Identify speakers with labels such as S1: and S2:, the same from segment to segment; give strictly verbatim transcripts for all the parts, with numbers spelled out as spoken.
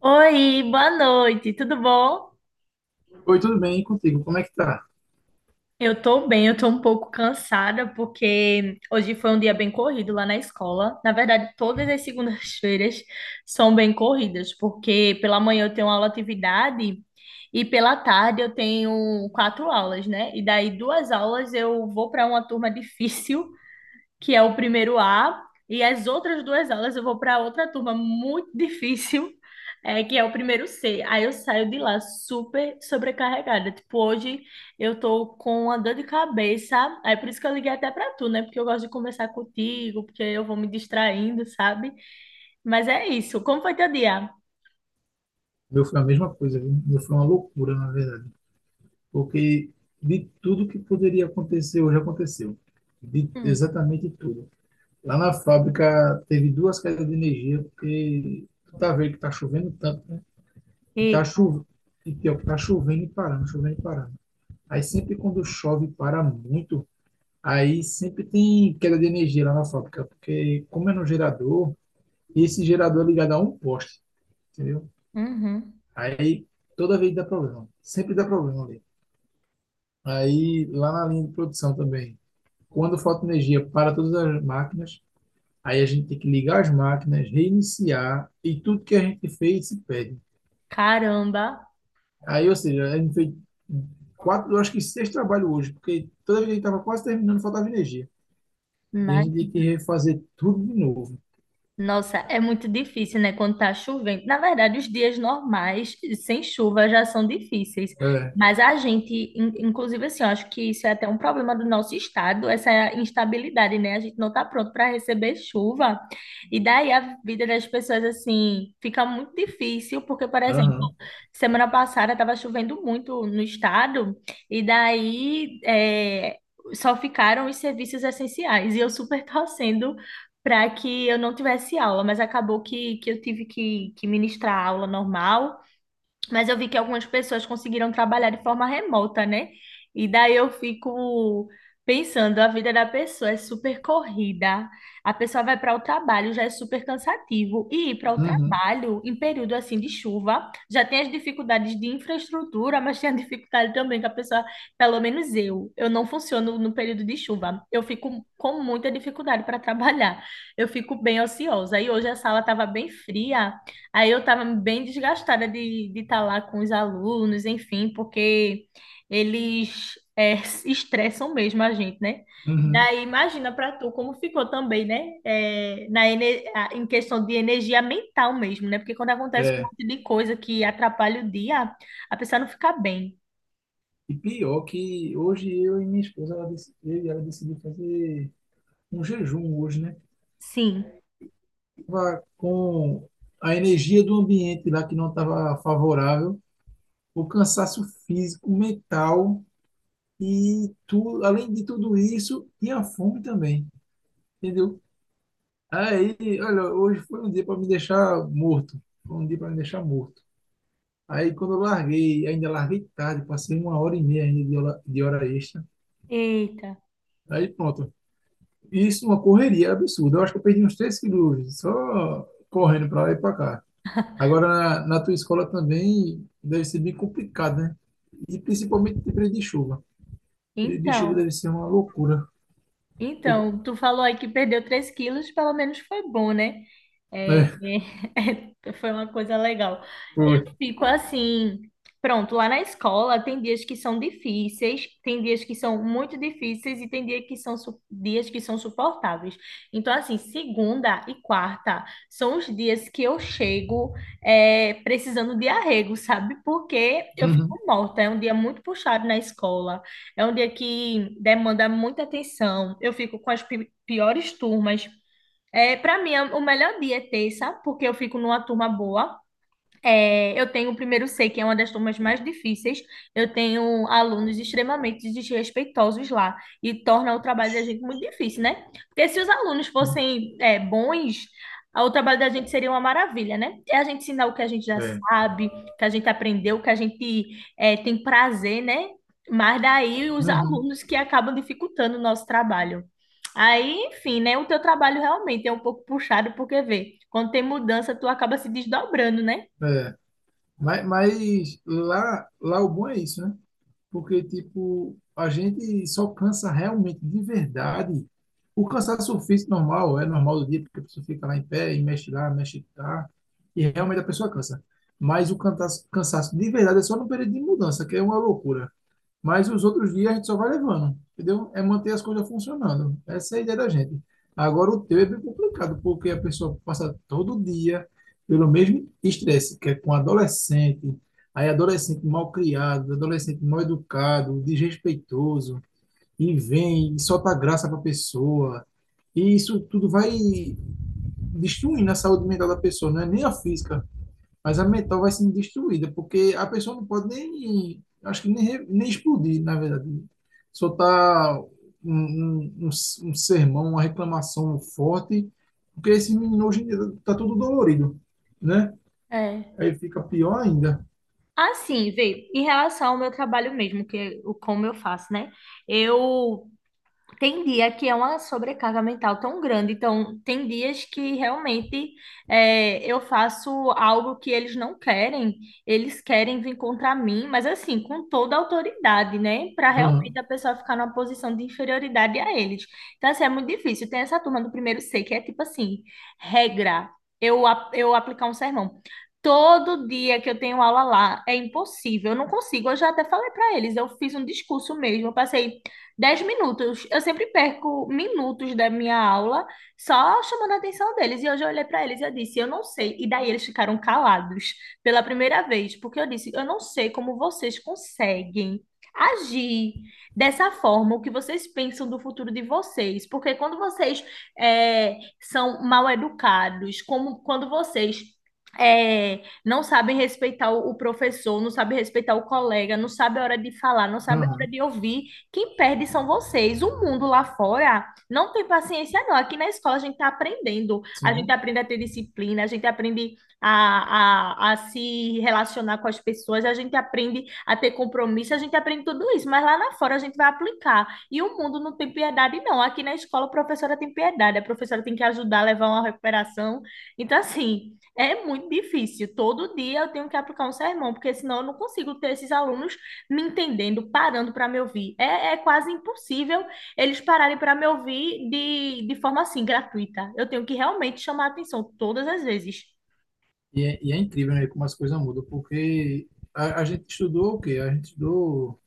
S1: Oi, boa noite, tudo bom?
S2: Oi, tudo bem? E contigo? Como é que tá?
S1: Eu tô bem, eu tô um pouco cansada porque hoje foi um dia bem corrido lá na escola. Na verdade, todas as segundas-feiras são bem corridas, porque pela manhã eu tenho aula atividade e pela tarde eu tenho quatro aulas, né? E daí duas aulas eu vou para uma turma difícil que é o primeiro A, e as outras duas aulas eu vou para outra turma muito difícil, é, que é o primeiro C. Aí eu saio de lá super sobrecarregada. Tipo, hoje eu tô com uma dor de cabeça. Aí por isso que eu liguei até para tu, né? Porque eu gosto de conversar contigo, porque eu vou me distraindo, sabe? Mas é isso. Como foi teu dia?
S2: O meu foi a mesma coisa, viu? O meu foi uma loucura, na verdade. Porque de tudo que poderia acontecer hoje aconteceu. De
S1: Hum.
S2: exatamente tudo. Lá na fábrica teve duas quedas de energia, porque tu tá vendo que tá chovendo tanto, né? E
S1: E,
S2: tá chovendo, e pior, que tá chovendo e parando, chovendo e parando. Aí sempre quando chove e para muito, aí sempre tem queda de energia lá na fábrica, porque como é no gerador, e esse gerador é ligado a um poste, entendeu?
S1: uhum.
S2: Aí toda vez dá problema. Sempre dá problema ali. Aí lá na linha de produção também. Quando falta energia para todas as máquinas, aí a gente tem que ligar as máquinas, reiniciar e tudo que a gente fez se perde.
S1: Caramba,
S2: Aí, ou seja, a gente fez quatro, eu acho que seis trabalhos hoje, porque toda vez que a gente estava quase terminando, faltava energia. E a
S1: mas
S2: gente tem que refazer tudo de novo.
S1: nossa, é muito difícil, né, quando tá chovendo. Na verdade, os dias normais, sem chuva, já são difíceis.
S2: É,
S1: Mas a gente, in- inclusive, assim, eu acho que isso é até um problema do nosso estado, essa instabilidade, né? A gente não tá pronto para receber chuva. E daí a vida das pessoas, assim, fica muito difícil, porque, por exemplo,
S2: aham,
S1: semana passada estava chovendo muito no estado, e daí, é, só ficaram os serviços essenciais. E eu super torcendo para que eu não tivesse aula, mas acabou que, que eu tive que, que ministrar a aula normal. Mas eu vi que algumas pessoas conseguiram trabalhar de forma remota, né? E daí eu fico pensando, a vida da pessoa é super corrida. A pessoa vai para o trabalho, já é super cansativo. E ir para o
S2: uhum,
S1: trabalho em período assim de chuva, já tem as dificuldades de infraestrutura, mas tem a dificuldade também que a pessoa, pelo menos eu, eu não funciono no período de chuva. Eu fico com muita dificuldade para trabalhar. Eu fico bem ociosa. E hoje a sala estava bem fria. Aí eu estava bem desgastada de estar lá com os alunos, enfim, porque eles é, se estressam mesmo a gente, né?
S2: uhum,
S1: Daí imagina para tu como ficou também, né? É, na, ene- a- em questão de energia mental mesmo, né? Porque quando acontece um
S2: é.
S1: monte de coisa que atrapalha o dia, a pessoa não fica bem.
S2: E pior que hoje eu e minha esposa, ela, dec- eu e ela decidiu fazer um jejum hoje, né?
S1: Sim.
S2: Tava com a energia do ambiente lá que não estava favorável, o cansaço físico, mental e tu, além de tudo isso, tinha fome também, entendeu? Aí, olha, hoje foi um dia para me deixar morto, foi um dia para me deixar morto. Aí quando eu larguei, ainda larguei tarde, passei uma hora e meia ainda de hora, de hora extra.
S1: Eita.
S2: Aí pronto. Isso é uma correria absurda. Eu acho que eu perdi uns três quilos só correndo para lá e para cá. Agora, na, na tua escola também deve ser bem complicado, né? E principalmente de período de chuva. Período de chuva
S1: Então,
S2: deve ser uma loucura. Pô,
S1: então, tu falou aí que perdeu três quilos, pelo menos foi bom, né?
S2: né?
S1: É, foi uma coisa legal.
S2: Foi.
S1: Fico assim, pronto, lá na escola tem dias que são difíceis, tem dias que são muito difíceis e tem dia que são, su- dias que são suportáveis. Então, assim, segunda e quarta são os dias que eu chego, é, precisando de arrego, sabe? Porque eu fico
S2: Uhum.
S1: morta, é um dia muito puxado na escola, é um dia que demanda muita atenção, eu fico com as pi- piores turmas. É, para mim, é- o melhor dia é terça, porque eu fico numa turma boa. É, eu tenho o primeiro C, que é uma das turmas mais difíceis. Eu tenho alunos extremamente desrespeitosos lá e torna o trabalho da
S2: Ixi.
S1: gente muito difícil, né? Porque se os alunos fossem, é, bons, a- o trabalho da gente seria uma maravilha, né? É a gente ensinar o que a gente já
S2: É.
S1: sabe, o que a gente aprendeu, o que a gente, é, tem prazer, né? Mas daí os
S2: Uhum.
S1: alunos que acabam dificultando o nosso trabalho. Aí, enfim, né? O teu trabalho realmente é um pouco puxado, porque vê, quando tem mudança, tu acaba se desdobrando, né?
S2: É. Mas, mas lá, lá o bom é isso, né? Porque, tipo, a gente só cansa realmente, de verdade. O cansaço físico normal, é normal do dia, porque a pessoa fica lá em pé e mexe lá, mexe cá, e realmente a pessoa cansa. Mas o cansaço, cansaço de verdade é só no período de mudança, que é uma loucura. Mas os outros dias a gente só vai levando, entendeu? É manter as coisas funcionando. Essa é a ideia da gente. Agora o teu é bem complicado, porque a pessoa passa todo dia pelo mesmo estresse, que é com adolescente, aí adolescente mal criado, adolescente mal educado, desrespeitoso, e vem e solta graça para a pessoa. E isso tudo vai destruindo a saúde mental da pessoa, não é nem a física. Mas a mental vai sendo destruída, porque a pessoa não pode nem, acho que nem, re- nem explodir, na verdade. Soltar um, um, um s- um sermão, uma reclamação forte, porque esse menino hoje em dia tá todo dolorido, né?
S1: É.
S2: Aí fica pior ainda.
S1: Assim, vê, em relação ao meu trabalho mesmo, que é o como eu faço, né? Eu tem dia que é uma sobrecarga mental tão grande, então tem dias que realmente, é, eu faço algo que eles não querem, eles querem vir contra mim, mas assim, com toda a autoridade, né? Para realmente
S2: Aham,
S1: a pessoa ficar numa posição de inferioridade a eles. Então, assim, é muito difícil. Tem essa turma do primeiro C que é tipo assim, regra, eu, a- eu aplicar um sermão. Todo dia que eu tenho aula lá é impossível, eu não consigo. Eu já até falei para eles, eu fiz um discurso mesmo, eu passei dez minutos. Eu sempre perco minutos da minha aula só chamando a atenção deles. E hoje eu olhei para eles e eu disse, eu não sei. E daí eles ficaram calados pela primeira vez, porque eu disse, eu não sei como vocês conseguem agir dessa forma, o que vocês pensam do futuro de vocês. Porque quando vocês, é, são mal educados, como quando vocês, é, não sabem respeitar o, o professor, não sabem respeitar o colega, não sabem a hora de falar, não sabem a hora
S2: aham,
S1: de ouvir, quem perde são vocês. O mundo lá fora não tem paciência, não. Aqui na escola a gente está aprendendo. A gente
S2: sim.
S1: aprende a ter disciplina, a gente aprende a, a, a se relacionar com as pessoas, a gente aprende a ter compromisso, a gente aprende tudo isso. Mas lá na fora a gente vai aplicar. E o mundo não tem piedade, não. Aqui na escola a professora tem piedade, a professora tem que ajudar a levar uma recuperação. Então, assim, é muito difícil. Todo dia eu tenho que aplicar um sermão, porque senão eu não consigo ter esses alunos me entendendo, parando para me ouvir. É, é quase impossível eles pararem para me ouvir de, de forma assim, gratuita. Eu tenho que realmente chamar a atenção todas as vezes.
S2: E é, e é incrível, né, como as coisas mudam, porque a, a gente estudou o quê? A gente estudou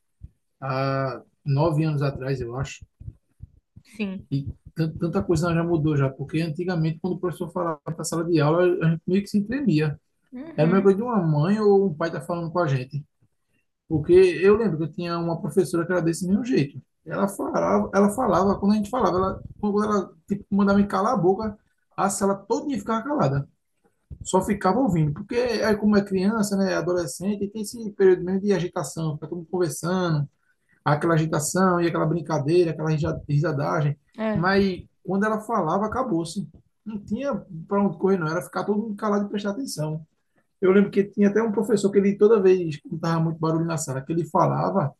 S2: há nove anos atrás, eu acho.
S1: Sim.
S2: E tanta coisa já mudou já, porque antigamente, quando o professor falava na sala de aula, a gente meio que se tremia. Era uma
S1: Uhum.
S2: coisa de uma mãe ou um pai tá falando com a gente. Porque eu lembro que eu tinha uma professora que era desse mesmo jeito. Ela falava, ela falava quando a gente falava, ela, quando ela tipo, mandava me calar a boca, a sala toda ficava calada. Só ficava ouvindo, porque aí como é criança, né, adolescente, tem esse período mesmo de agitação, fica todo mundo conversando, aquela agitação e aquela brincadeira, aquela rija- risadagem.
S1: É.
S2: Mas quando ela falava, acabou-se. Não tinha para onde correr, não. Era ficar todo mundo calado e prestar atenção. Eu lembro que tinha até um professor que ele, toda vez que estava muito barulho na sala, que ele falava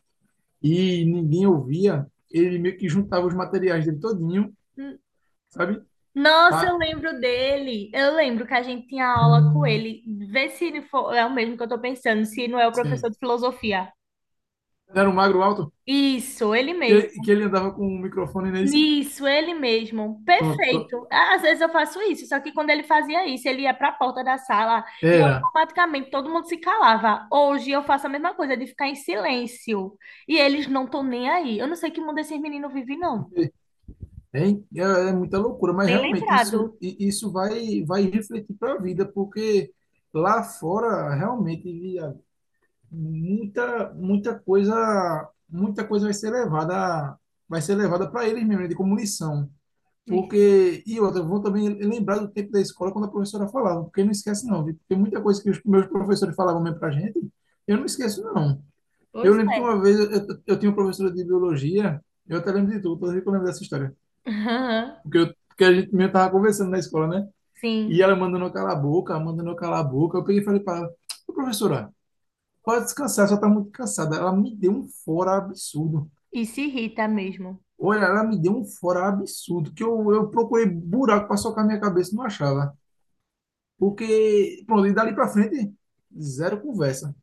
S2: e ninguém ouvia, ele meio que juntava os materiais dele todinho,
S1: N-
S2: sabe?
S1: Nossa, eu
S2: Pá,
S1: lembro dele. Eu lembro que a gente tinha aula com ele. Vê se ele for, é o mesmo que eu tô pensando, se não é o professor
S2: sim.
S1: de filosofia.
S2: Era um magro alto,
S1: Isso, ele mesmo.
S2: que, que ele andava com um microfone nesse.
S1: Isso, ele mesmo.
S2: Pronto.
S1: Perfeito. Às vezes eu faço isso, só que quando ele fazia isso, ele ia para a porta da sala e
S2: Era.
S1: automaticamente todo mundo se calava. Hoje eu faço a mesma coisa, de ficar em silêncio. E eles não estão nem aí. Eu não sei que mundo esses meninos vivem, não.
S2: É, é é muita loucura, mas
S1: Nem
S2: realmente isso,
S1: lembrado.
S2: i- isso vai, vai refletir para a vida, porque lá fora realmente via muita, muita coisa, muita coisa vai ser levada, vai ser levada para eles mesmo, né, de como lição.
S1: Isso.
S2: Porque, e outra, eu vou também lembrar do tempo da escola quando a professora falava, porque não esquece não, viu? Tem muita coisa que os meus professores falavam mesmo para gente, eu não esqueço não. Eu
S1: Pois
S2: lembro que
S1: é.
S2: uma vez eu, eu, eu tinha uma professora de biologia, eu até lembro de tudo, toda vez que eu lembro dessa história
S1: Aham.
S2: porque, eu, porque a gente mesmo tava conversando na escola, né? E
S1: Sim.
S2: ela mandando eu calar a boca, ela mandando eu calar a boca. Eu peguei e falei para ela, "Ô, professora, pode descansar, só tá muito cansada." Ela me deu um fora absurdo.
S1: E se irrita mesmo.
S2: Olha, ela me deu um fora absurdo, que eu, eu procurei buraco para socar minha cabeça e não achava. Porque, pronto, e dali para frente, zero conversa.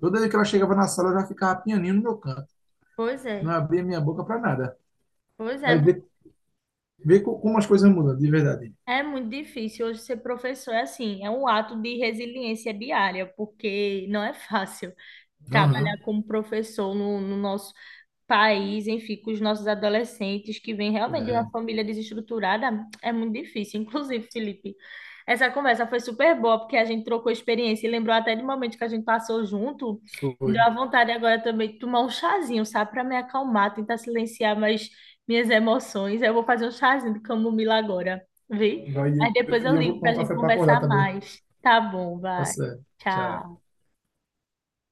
S2: Toda vez que ela chegava na sala, eu já ficava pianinho no meu canto.
S1: Pois
S2: Não
S1: é.
S2: abria minha boca para nada.
S1: Pois é.
S2: Aí vê, vê co- como as coisas mudam, de verdade.
S1: É muito difícil hoje ser professor, é assim, é um ato de resiliência diária, porque não é fácil trabalhar
S2: Aham,
S1: como professor no, no nosso país, enfim, com os nossos adolescentes que vêm realmente de uma
S2: é,
S1: família desestruturada, é muito difícil. Inclusive, Felipe, essa conversa foi super boa, porque a gente trocou experiência e lembrou até de momento que a gente passou junto. Me deu
S2: foi.
S1: a vontade agora também de tomar um chazinho, sabe, para me acalmar, tentar silenciar mais minhas emoções. Eu vou fazer um chazinho de camomila agora, vi?
S2: Vai, e
S1: Mas
S2: eu
S1: depois
S2: e
S1: eu
S2: eu vou
S1: ligo
S2: tomar
S1: para a
S2: um
S1: gente
S2: café para acordar
S1: conversar
S2: também.
S1: mais. Tá bom,
S2: Tá
S1: vai.
S2: certo. Tchau.
S1: Tchau.